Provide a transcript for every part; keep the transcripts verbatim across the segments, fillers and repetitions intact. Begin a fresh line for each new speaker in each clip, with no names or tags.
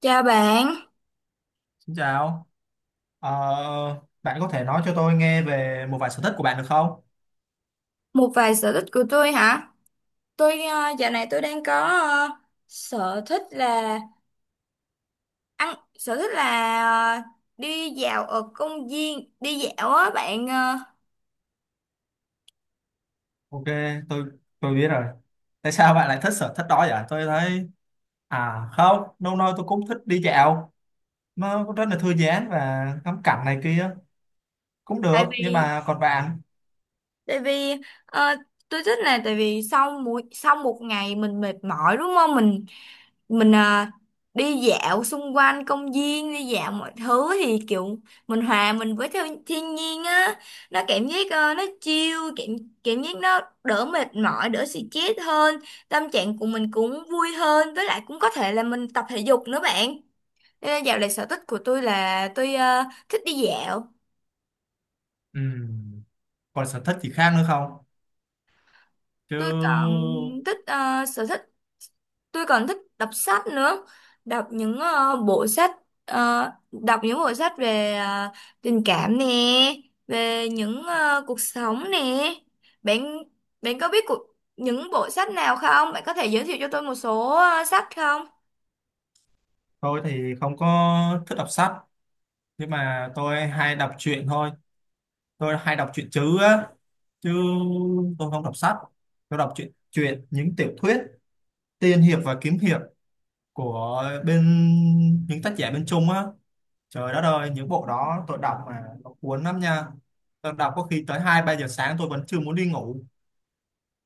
Chào bạn,
Xin chào. Ờ, Bạn có thể nói cho tôi nghe về một vài sở thích của bạn được không?
một vài sở thích của tôi hả? Tôi ờ, dạo này tôi đang có ờ, sở thích là ăn, sở thích là ờ, đi dạo ở công viên, đi dạo á bạn. ờ,
Ok, tôi tôi biết rồi. Tại sao bạn lại thích sở thích đó vậy? Tôi thấy À không, lâu nay tôi cũng thích đi dạo, nó cũng rất là thư giãn và ngắm cảnh này kia cũng
tại
được. Nhưng
vì,
mà còn bạn?
tại vì ờ, tôi thích là tại vì sau mỗi sau một ngày mình mệt mỏi đúng không? Mình mình à, đi dạo xung quanh công viên, đi dạo mọi thứ thì kiểu mình hòa mình với theo thiên nhiên á, nó cảm giác ờ, nó chill, cảm cảm giác nó đỡ mệt mỏi, đỡ stress hơn, tâm trạng của mình cũng vui hơn, với lại cũng có thể là mình tập thể dục nữa bạn. Nên là dạo này sở thích của tôi là tôi ờ, thích đi dạo.
Ừm, Còn sở thích gì khác nữa không? Chứ
Tôi còn thích ờ, sở thích tôi còn thích đọc sách nữa, đọc những ờ, bộ sách ờ, đọc những bộ sách về ờ, tình cảm nè, về những ờ, cuộc sống nè. Bạn bạn có biết cuộc, những bộ sách nào không, bạn có thể giới thiệu cho tôi một số ờ, sách không?
tôi thì không có thích đọc sách, nhưng mà tôi hay đọc truyện thôi. Tôi hay đọc truyện chứ á, chứ tôi không đọc sách, tôi đọc truyện truyện những tiểu thuyết tiên hiệp và kiếm hiệp của bên, những tác giả bên Trung á. Trời đất ơi, những bộ đó tôi đọc mà nó cuốn lắm nha. Tôi đọc có khi tới hai ba giờ sáng tôi vẫn chưa muốn đi ngủ.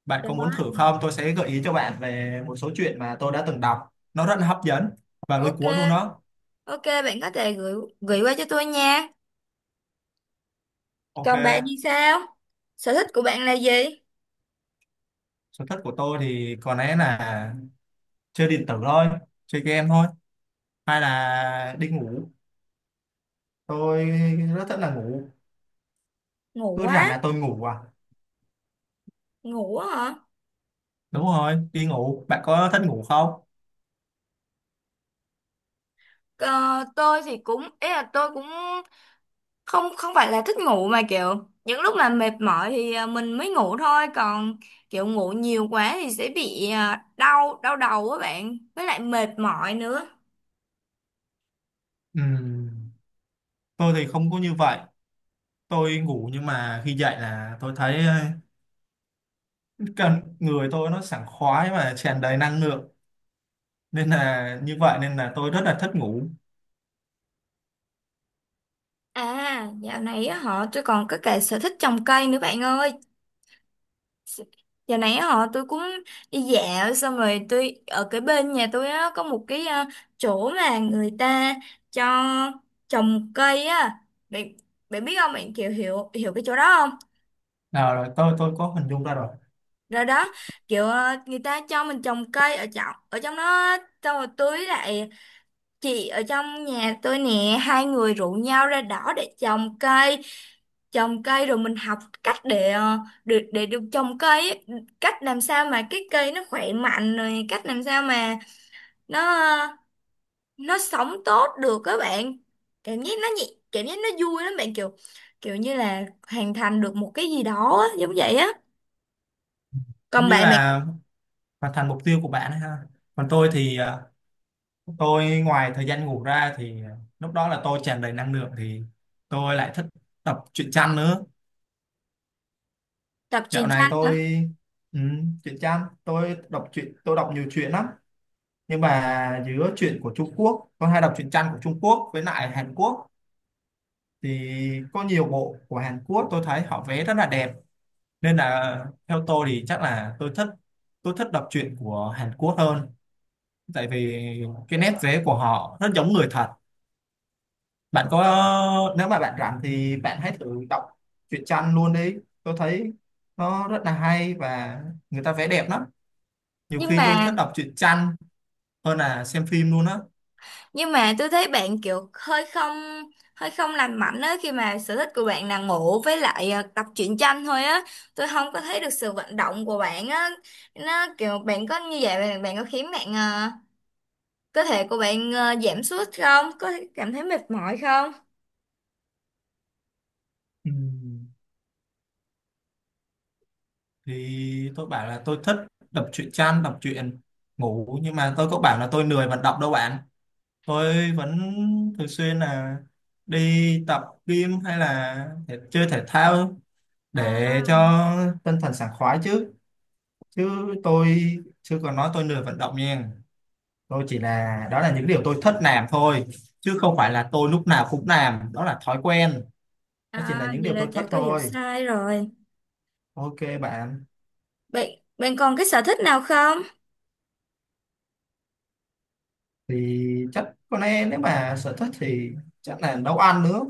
Bạn
Đó.
có muốn thử không? Tôi sẽ gợi ý cho bạn về một số chuyện mà tôi đã từng đọc, nó rất là hấp dẫn và lôi
Ok,
cuốn luôn đó.
ok, bạn có thể gửi gửi qua cho tôi nha.
Ok,
Còn bạn thì sao, sở thích của bạn là gì?
sở thích của tôi thì có lẽ là chơi điện tử thôi, chơi game thôi, hay là đi ngủ. Tôi rất thích là ngủ,
Ngủ
cứ rảnh
quá.
là tôi ngủ à.
Ngủ á hả?
Đúng rồi, đi ngủ. Bạn có thích ngủ không?
Ờ, tôi thì cũng, ý là tôi cũng không, không phải là thích ngủ, mà kiểu những lúc mà mệt mỏi thì à, mình mới ngủ thôi, còn kiểu ngủ nhiều quá thì sẽ bị à, đau, đau đầu á bạn, với lại mệt mỏi nữa.
Ừm, tôi thì không có như vậy. Tôi ngủ nhưng mà khi dậy là tôi thấy ờ, cần người tôi nó sảng khoái và tràn đầy năng lượng, nên là như vậy nên là tôi rất là thích ngủ.
À, dạo này á họ tôi còn có cả sở thích trồng cây nữa bạn ơi. Dạo này á họ tôi cũng đi dạo, xong rồi tôi ở cái bên nhà tôi á có một cái à, chỗ mà người ta cho trồng cây á bạn. Bạn biết không bạn, kiểu hiểu hiểu cái chỗ đó không?
Nào rồi, tôi tôi có hình dung ra rồi.
Rồi đó, kiểu ờ, người ta cho mình trồng cây ở trong ở trong đó, xong rồi tưới lại. Chị ở trong nhà tôi nè, hai người rủ nhau ra đó để trồng cây, trồng cây rồi mình học cách để ờ, để để được trồng cây ấy. Cách làm sao mà cái cây nó khỏe mạnh, rồi cách làm sao mà nó ờ, nó sống tốt được các bạn. Cảm giác nó nhẹ, cảm giác nó vui lắm bạn, kiểu kiểu như là hoàn thành được một cái gì đó á, giống vậy á.
Giống
Còn
như
bạn bạn.
là hoàn thành mục tiêu của bạn ấy ha. Còn tôi thì ờ, tôi ngoài thời gian ngủ ra thì lúc đó là tôi tràn đầy năng lượng thì tôi lại thích đọc truyện tranh nữa.
Tập
Dạo
truyền
này
tranh hả?
tôi ừ, truyện tranh, tôi đọc truyện, tôi đọc nhiều truyện lắm, nhưng mà giữa truyện của Trung Quốc, tôi hay đọc truyện tranh của Trung Quốc với lại Hàn Quốc thì có nhiều bộ của Hàn Quốc tôi thấy họ vẽ rất là đẹp, nên là theo tôi thì chắc là tôi thích tôi thích đọc truyện của Hàn Quốc hơn. Tại vì cái nét vẽ của họ rất giống người thật. Bạn có Nếu mà bạn rảnh thì bạn hãy thử đọc truyện tranh luôn đi. Tôi thấy nó rất là hay và người ta vẽ đẹp lắm, nhiều
Nhưng
khi tôi
mà,
thích đọc truyện tranh hơn là xem phim luôn á.
nhưng mà tôi thấy bạn kiểu hơi không, hơi không lành mạnh á, khi mà sở thích của bạn là ngủ với lại ờ, tập truyện tranh thôi á. Tôi không có thấy được sự vận động của bạn á. Nó kiểu bạn có như vậy bạn, bạn có khiến bạn ờ, cơ thể của bạn ờ, giảm sút không, có cảm thấy mệt mỏi không?
Ừm, thì tôi bảo là tôi thích đọc truyện tranh, đọc truyện, ngủ nhưng mà tôi có bảo là tôi lười vận động đâu bạn. Tôi vẫn thường xuyên là đi tập gym hay là thể- chơi thể thao để
à,
cho tinh thần sảng khoái chứ chứ tôi chưa còn nói tôi lười vận động nha. Tôi chỉ là đó là những điều tôi thích làm thôi, chứ không phải là tôi lúc nào cũng làm, đó là thói quen. Đó chỉ là
à
những
vậy
điều
là
tôi thích
chắc tôi hiểu
thôi.
sai rồi.
Ok bạn,
Bạn bạn còn cái sở thích nào không?
thì chắc có lẽ nếu mà sở thích thì chắc là nấu ăn nữa.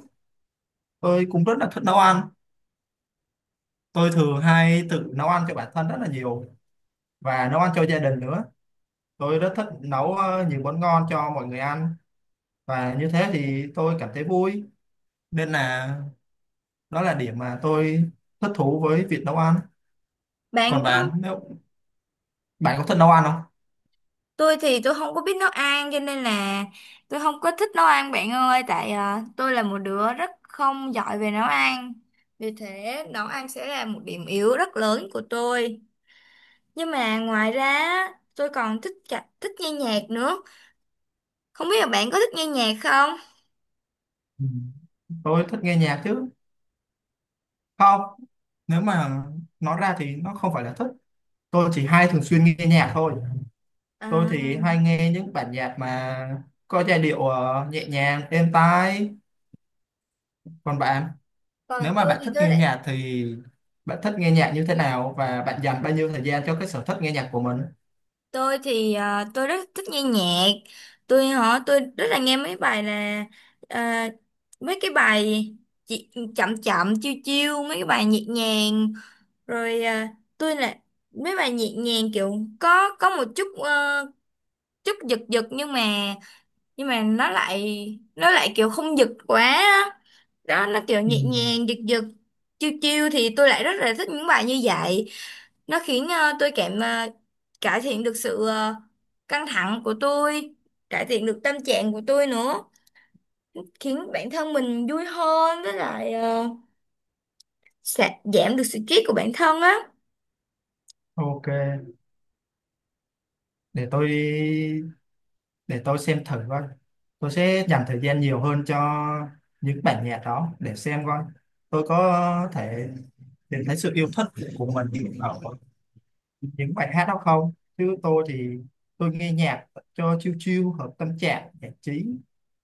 Tôi cũng rất là thích nấu ăn. Tôi thường hay tự nấu ăn cho bản thân rất là nhiều và nấu ăn cho gia đình nữa. Tôi rất thích nấu ờ, nhiều món ngon cho mọi người ăn và như thế thì tôi cảm thấy vui. Nên là đó là điểm mà tôi thích thú với việc nấu ăn. Còn
Bạn có
bạn, nếu bạn có thích nấu ăn không?
Tôi thì tôi không có biết nấu ăn, cho nên là tôi không có thích nấu ăn bạn ơi, tại à, tôi là một đứa rất không giỏi về nấu ăn. Vì thế nấu ăn sẽ là một điểm yếu rất lớn của tôi. Nhưng mà ngoài ra á, tôi còn thích cả, thích nghe nhạc nữa. Không biết là bạn có thích nghe nhạc không?
Ừ. Tôi thích nghe nhạc chứ. Không, nếu mà nói ra thì nó không phải là thích. Tôi chỉ hay thường xuyên nghe nhạc thôi. Tôi
à,
thì hay nghe những bản nhạc mà có giai điệu ờ, nhẹ nhàng êm tai. Còn bạn, nếu
Còn
mà
tôi
bạn
thì
thích
tôi
nghe
lại,
nhạc thì bạn thích nghe nhạc như thế nào và bạn dành bao nhiêu thời gian cho cái sở thích nghe nhạc của mình?
tôi thì à, tôi rất thích nghe nhạc. Tôi họ tôi rất là nghe mấy bài là à, mấy cái bài chị, chậm chậm chiêu chiêu, mấy cái bài nhẹ nhàng, rồi à, tôi là mấy bài nhẹ nhàng kiểu có có một chút ờ, chút giật giật, nhưng mà, nhưng mà nó lại, nó lại kiểu không giật quá. Đó là kiểu
Ừ.
nhẹ nhàng, giật giật chiêu chiêu thì tôi lại rất là thích những bài như vậy. Nó khiến ờ, tôi cảm ờ, cải thiện được sự ờ, căng thẳng của tôi, cải thiện được tâm trạng của tôi nữa, khiến bản thân mình vui hơn, với lại ờ, sẽ giảm được stress của bản thân á.
Ok, để tôi để tôi xem thử coi, tôi sẽ dành thời gian nhiều hơn cho những bản nhạc đó để xem coi tôi có thể tìm thấy sự yêu thích của mình ở những bài hát đó không. Chứ tôi thì tôi nghe nhạc cho chill chill hợp tâm trạng, giải trí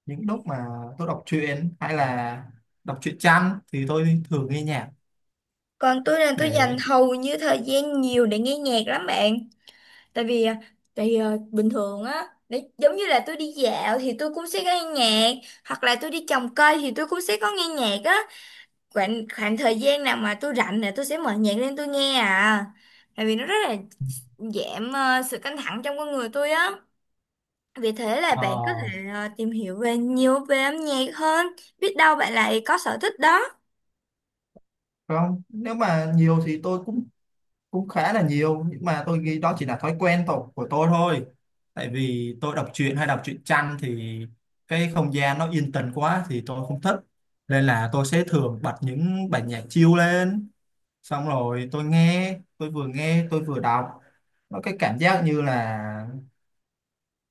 những lúc mà tôi đọc truyện hay là đọc truyện tranh thì tôi thường nghe nhạc
Còn tôi là tôi dành
để
hầu như thời gian nhiều để nghe nhạc lắm bạn. Tại vì ờ, tại vì, ờ, bình thường á, để giống như là tôi đi dạo thì tôi cũng sẽ nghe nhạc, hoặc là tôi đi trồng cây thì tôi cũng sẽ có nghe nhạc á. Khoảng khoảng thời gian nào mà tôi rảnh là tôi sẽ mở nhạc lên tôi nghe à. Tại vì nó rất là giảm ờ, sự căng thẳng trong con người tôi á. Vì thế là
ờ,
bạn có thể ờ, tìm hiểu về nhiều về âm nhạc hơn, biết đâu bạn lại có sở thích đó.
không. Nếu mà nhiều thì tôi cũng cũng khá là nhiều, nhưng mà tôi nghĩ đó chỉ là thói quen tổ, của tôi thôi. Tại vì tôi đọc truyện hay đọc truyện tranh thì cái không gian nó yên tĩnh quá thì tôi không thích, nên là tôi sẽ thường bật những bản nhạc chill lên, xong rồi tôi nghe, tôi vừa nghe tôi vừa đọc. Nó cái cảm giác như là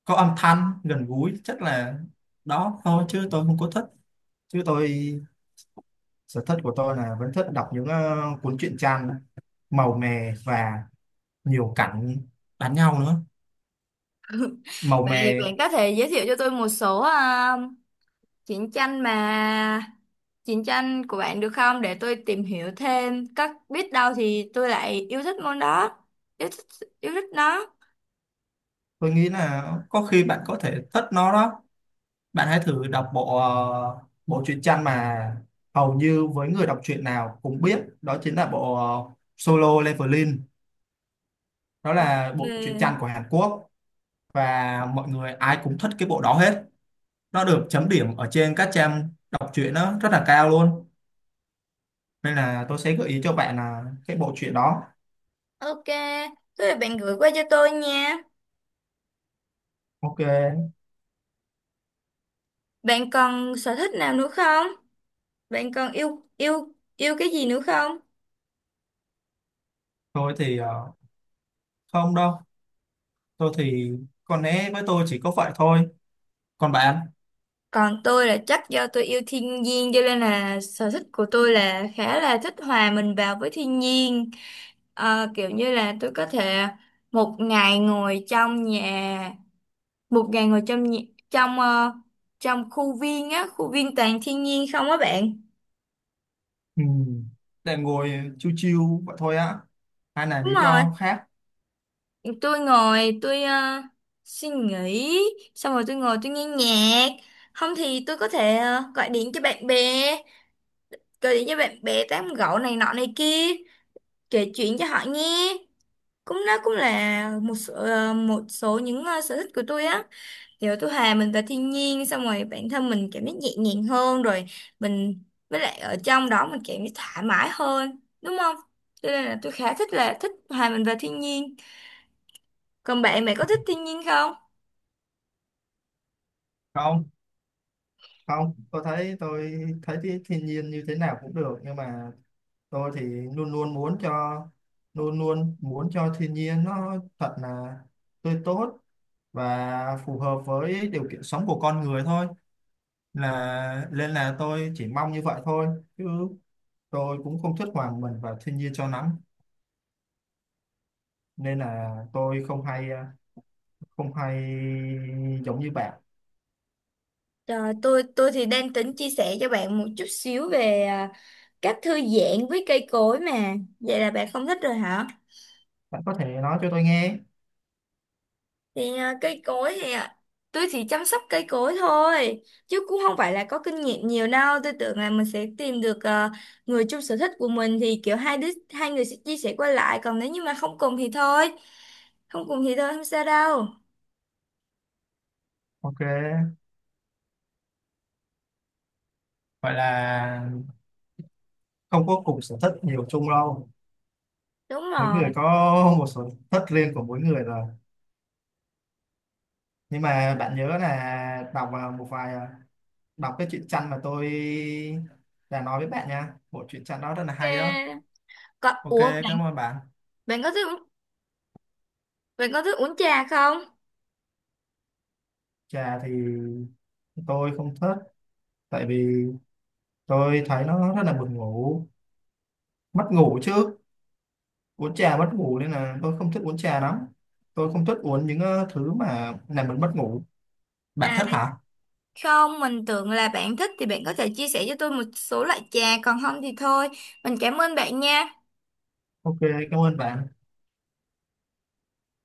có âm thanh gần gũi, chắc là đó thôi chứ tôi không có thích. Chứ tôi, sở thích của tôi là vẫn thích đọc những ờ, cuốn truyện tranh màu mè và nhiều cảnh đánh nhau nữa, màu
Vậy
mè.
bạn có thể giới thiệu cho tôi một số ờ, chiến tranh mà chiến tranh của bạn được không, để tôi tìm hiểu thêm các biết đâu thì tôi lại yêu thích môn đó, yêu thích yêu thích nó.
Tôi nghĩ là có khi bạn có thể thích nó đó. Bạn hãy thử đọc bộ ờ, bộ truyện tranh mà hầu như với người đọc truyện nào cũng biết, đó chính là bộ ờ, Solo Leveling. Nó
Ok.
là bộ truyện tranh của Hàn Quốc và mọi người ai cũng thích cái bộ đó hết, nó được chấm điểm ở trên các trang đọc truyện nó rất là cao luôn, nên là tôi sẽ gợi ý cho bạn là cái bộ truyện đó.
Ok, thế là bạn gửi qua cho tôi nha.
Ok,
Bạn còn sở thích nào nữa không? Bạn còn yêu yêu yêu cái gì nữa không?
tôi thì ờ, không đâu. Tôi thì có lẽ với tôi chỉ có vậy thôi. Còn bạn?
Còn tôi là chắc do tôi yêu thiên nhiên, cho nên là sở thích của tôi là khá là thích hòa mình vào với thiên nhiên. Ờ, kiểu như là tôi có thể một ngày ngồi trong nhà, một ngày ngồi trong nhà, trong ờ, trong khu viên á, khu viên toàn thiên nhiên không á bạn?
Ừ. Để ngồi chiêu chiêu vậy thôi á hay là
Đúng
lý
rồi.
do khác?
Tôi ngồi tôi ờ, suy nghĩ xong rồi tôi ngồi tôi nghe nhạc, không thì tôi có thể ờ, gọi điện cho bạn bè, gọi điện cho bạn bè tám gẫu này nọ này kia, kể chuyện cho họ nghe. Cũng nó cũng là một số, ờ, một số những ờ, sở thích của tôi á. Kiểu tôi hòa mình vào thiên nhiên, xong rồi bản thân mình cảm giác nhẹ nhàng hơn rồi mình, với lại ở trong đó mình cảm giác thoải mái hơn đúng không, cho nên là tôi khá thích là thích hòa mình vào thiên nhiên. Còn bạn bạn có thích thiên nhiên không?
Không, không, tôi thấy tôi thấy cái thiên nhiên như thế nào cũng được, nhưng mà tôi thì luôn luôn muốn cho luôn luôn muốn cho thiên nhiên nó thật là tươi tốt và phù hợp với điều kiện sống của con người thôi, là nên là tôi chỉ mong như vậy thôi. Chứ tôi cũng không thích hòa mình vào thiên nhiên cho lắm, nên là tôi không hay không hay giống như bạn.
Rồi, tôi tôi thì đang tính chia sẻ cho bạn một chút xíu về à, cách thư giãn với cây cối mà. Vậy là bạn không thích rồi hả?
Bạn có thể nói cho tôi nghe.
Thì à, cây cối thì à, tôi chỉ chăm sóc cây cối thôi, chứ cũng không phải là có kinh nghiệm nhiều đâu. Tôi tưởng là mình sẽ tìm được à, người chung sở thích của mình thì kiểu hai đứa hai người sẽ chia sẻ qua lại, còn nếu như mà không cùng thì thôi. Không cùng thì thôi, không sao đâu.
Ok, vậy là không có cùng sở thích nhiều chung đâu,
Đúng
mỗi
rồi.
người có một sở thích riêng của mỗi người rồi. Nhưng mà bạn nhớ là đọc vào một vài à, đọc cái truyện tranh mà tôi đã nói với bạn nha, bộ truyện tranh đó rất là hay đó.
Ok. Có,
Ok,
ủa bạn,
cảm ơn bạn.
bạn có thích uống- bạn có thích uống trà không?
Trà thì tôi không thích, tại vì tôi thấy nó rất là buồn ngủ mất ngủ chứ, uống trà mất ngủ, nên là tôi không thích uống trà lắm. Tôi không thích uống những ờ, thứ mà làm mình mất ngủ. Bạn
À,
thích hả?
không, mình tưởng là bạn thích thì bạn có thể chia sẻ cho tôi một số loại trà, còn không thì thôi. Mình cảm ơn bạn nha.
Ok, cảm ơn bạn.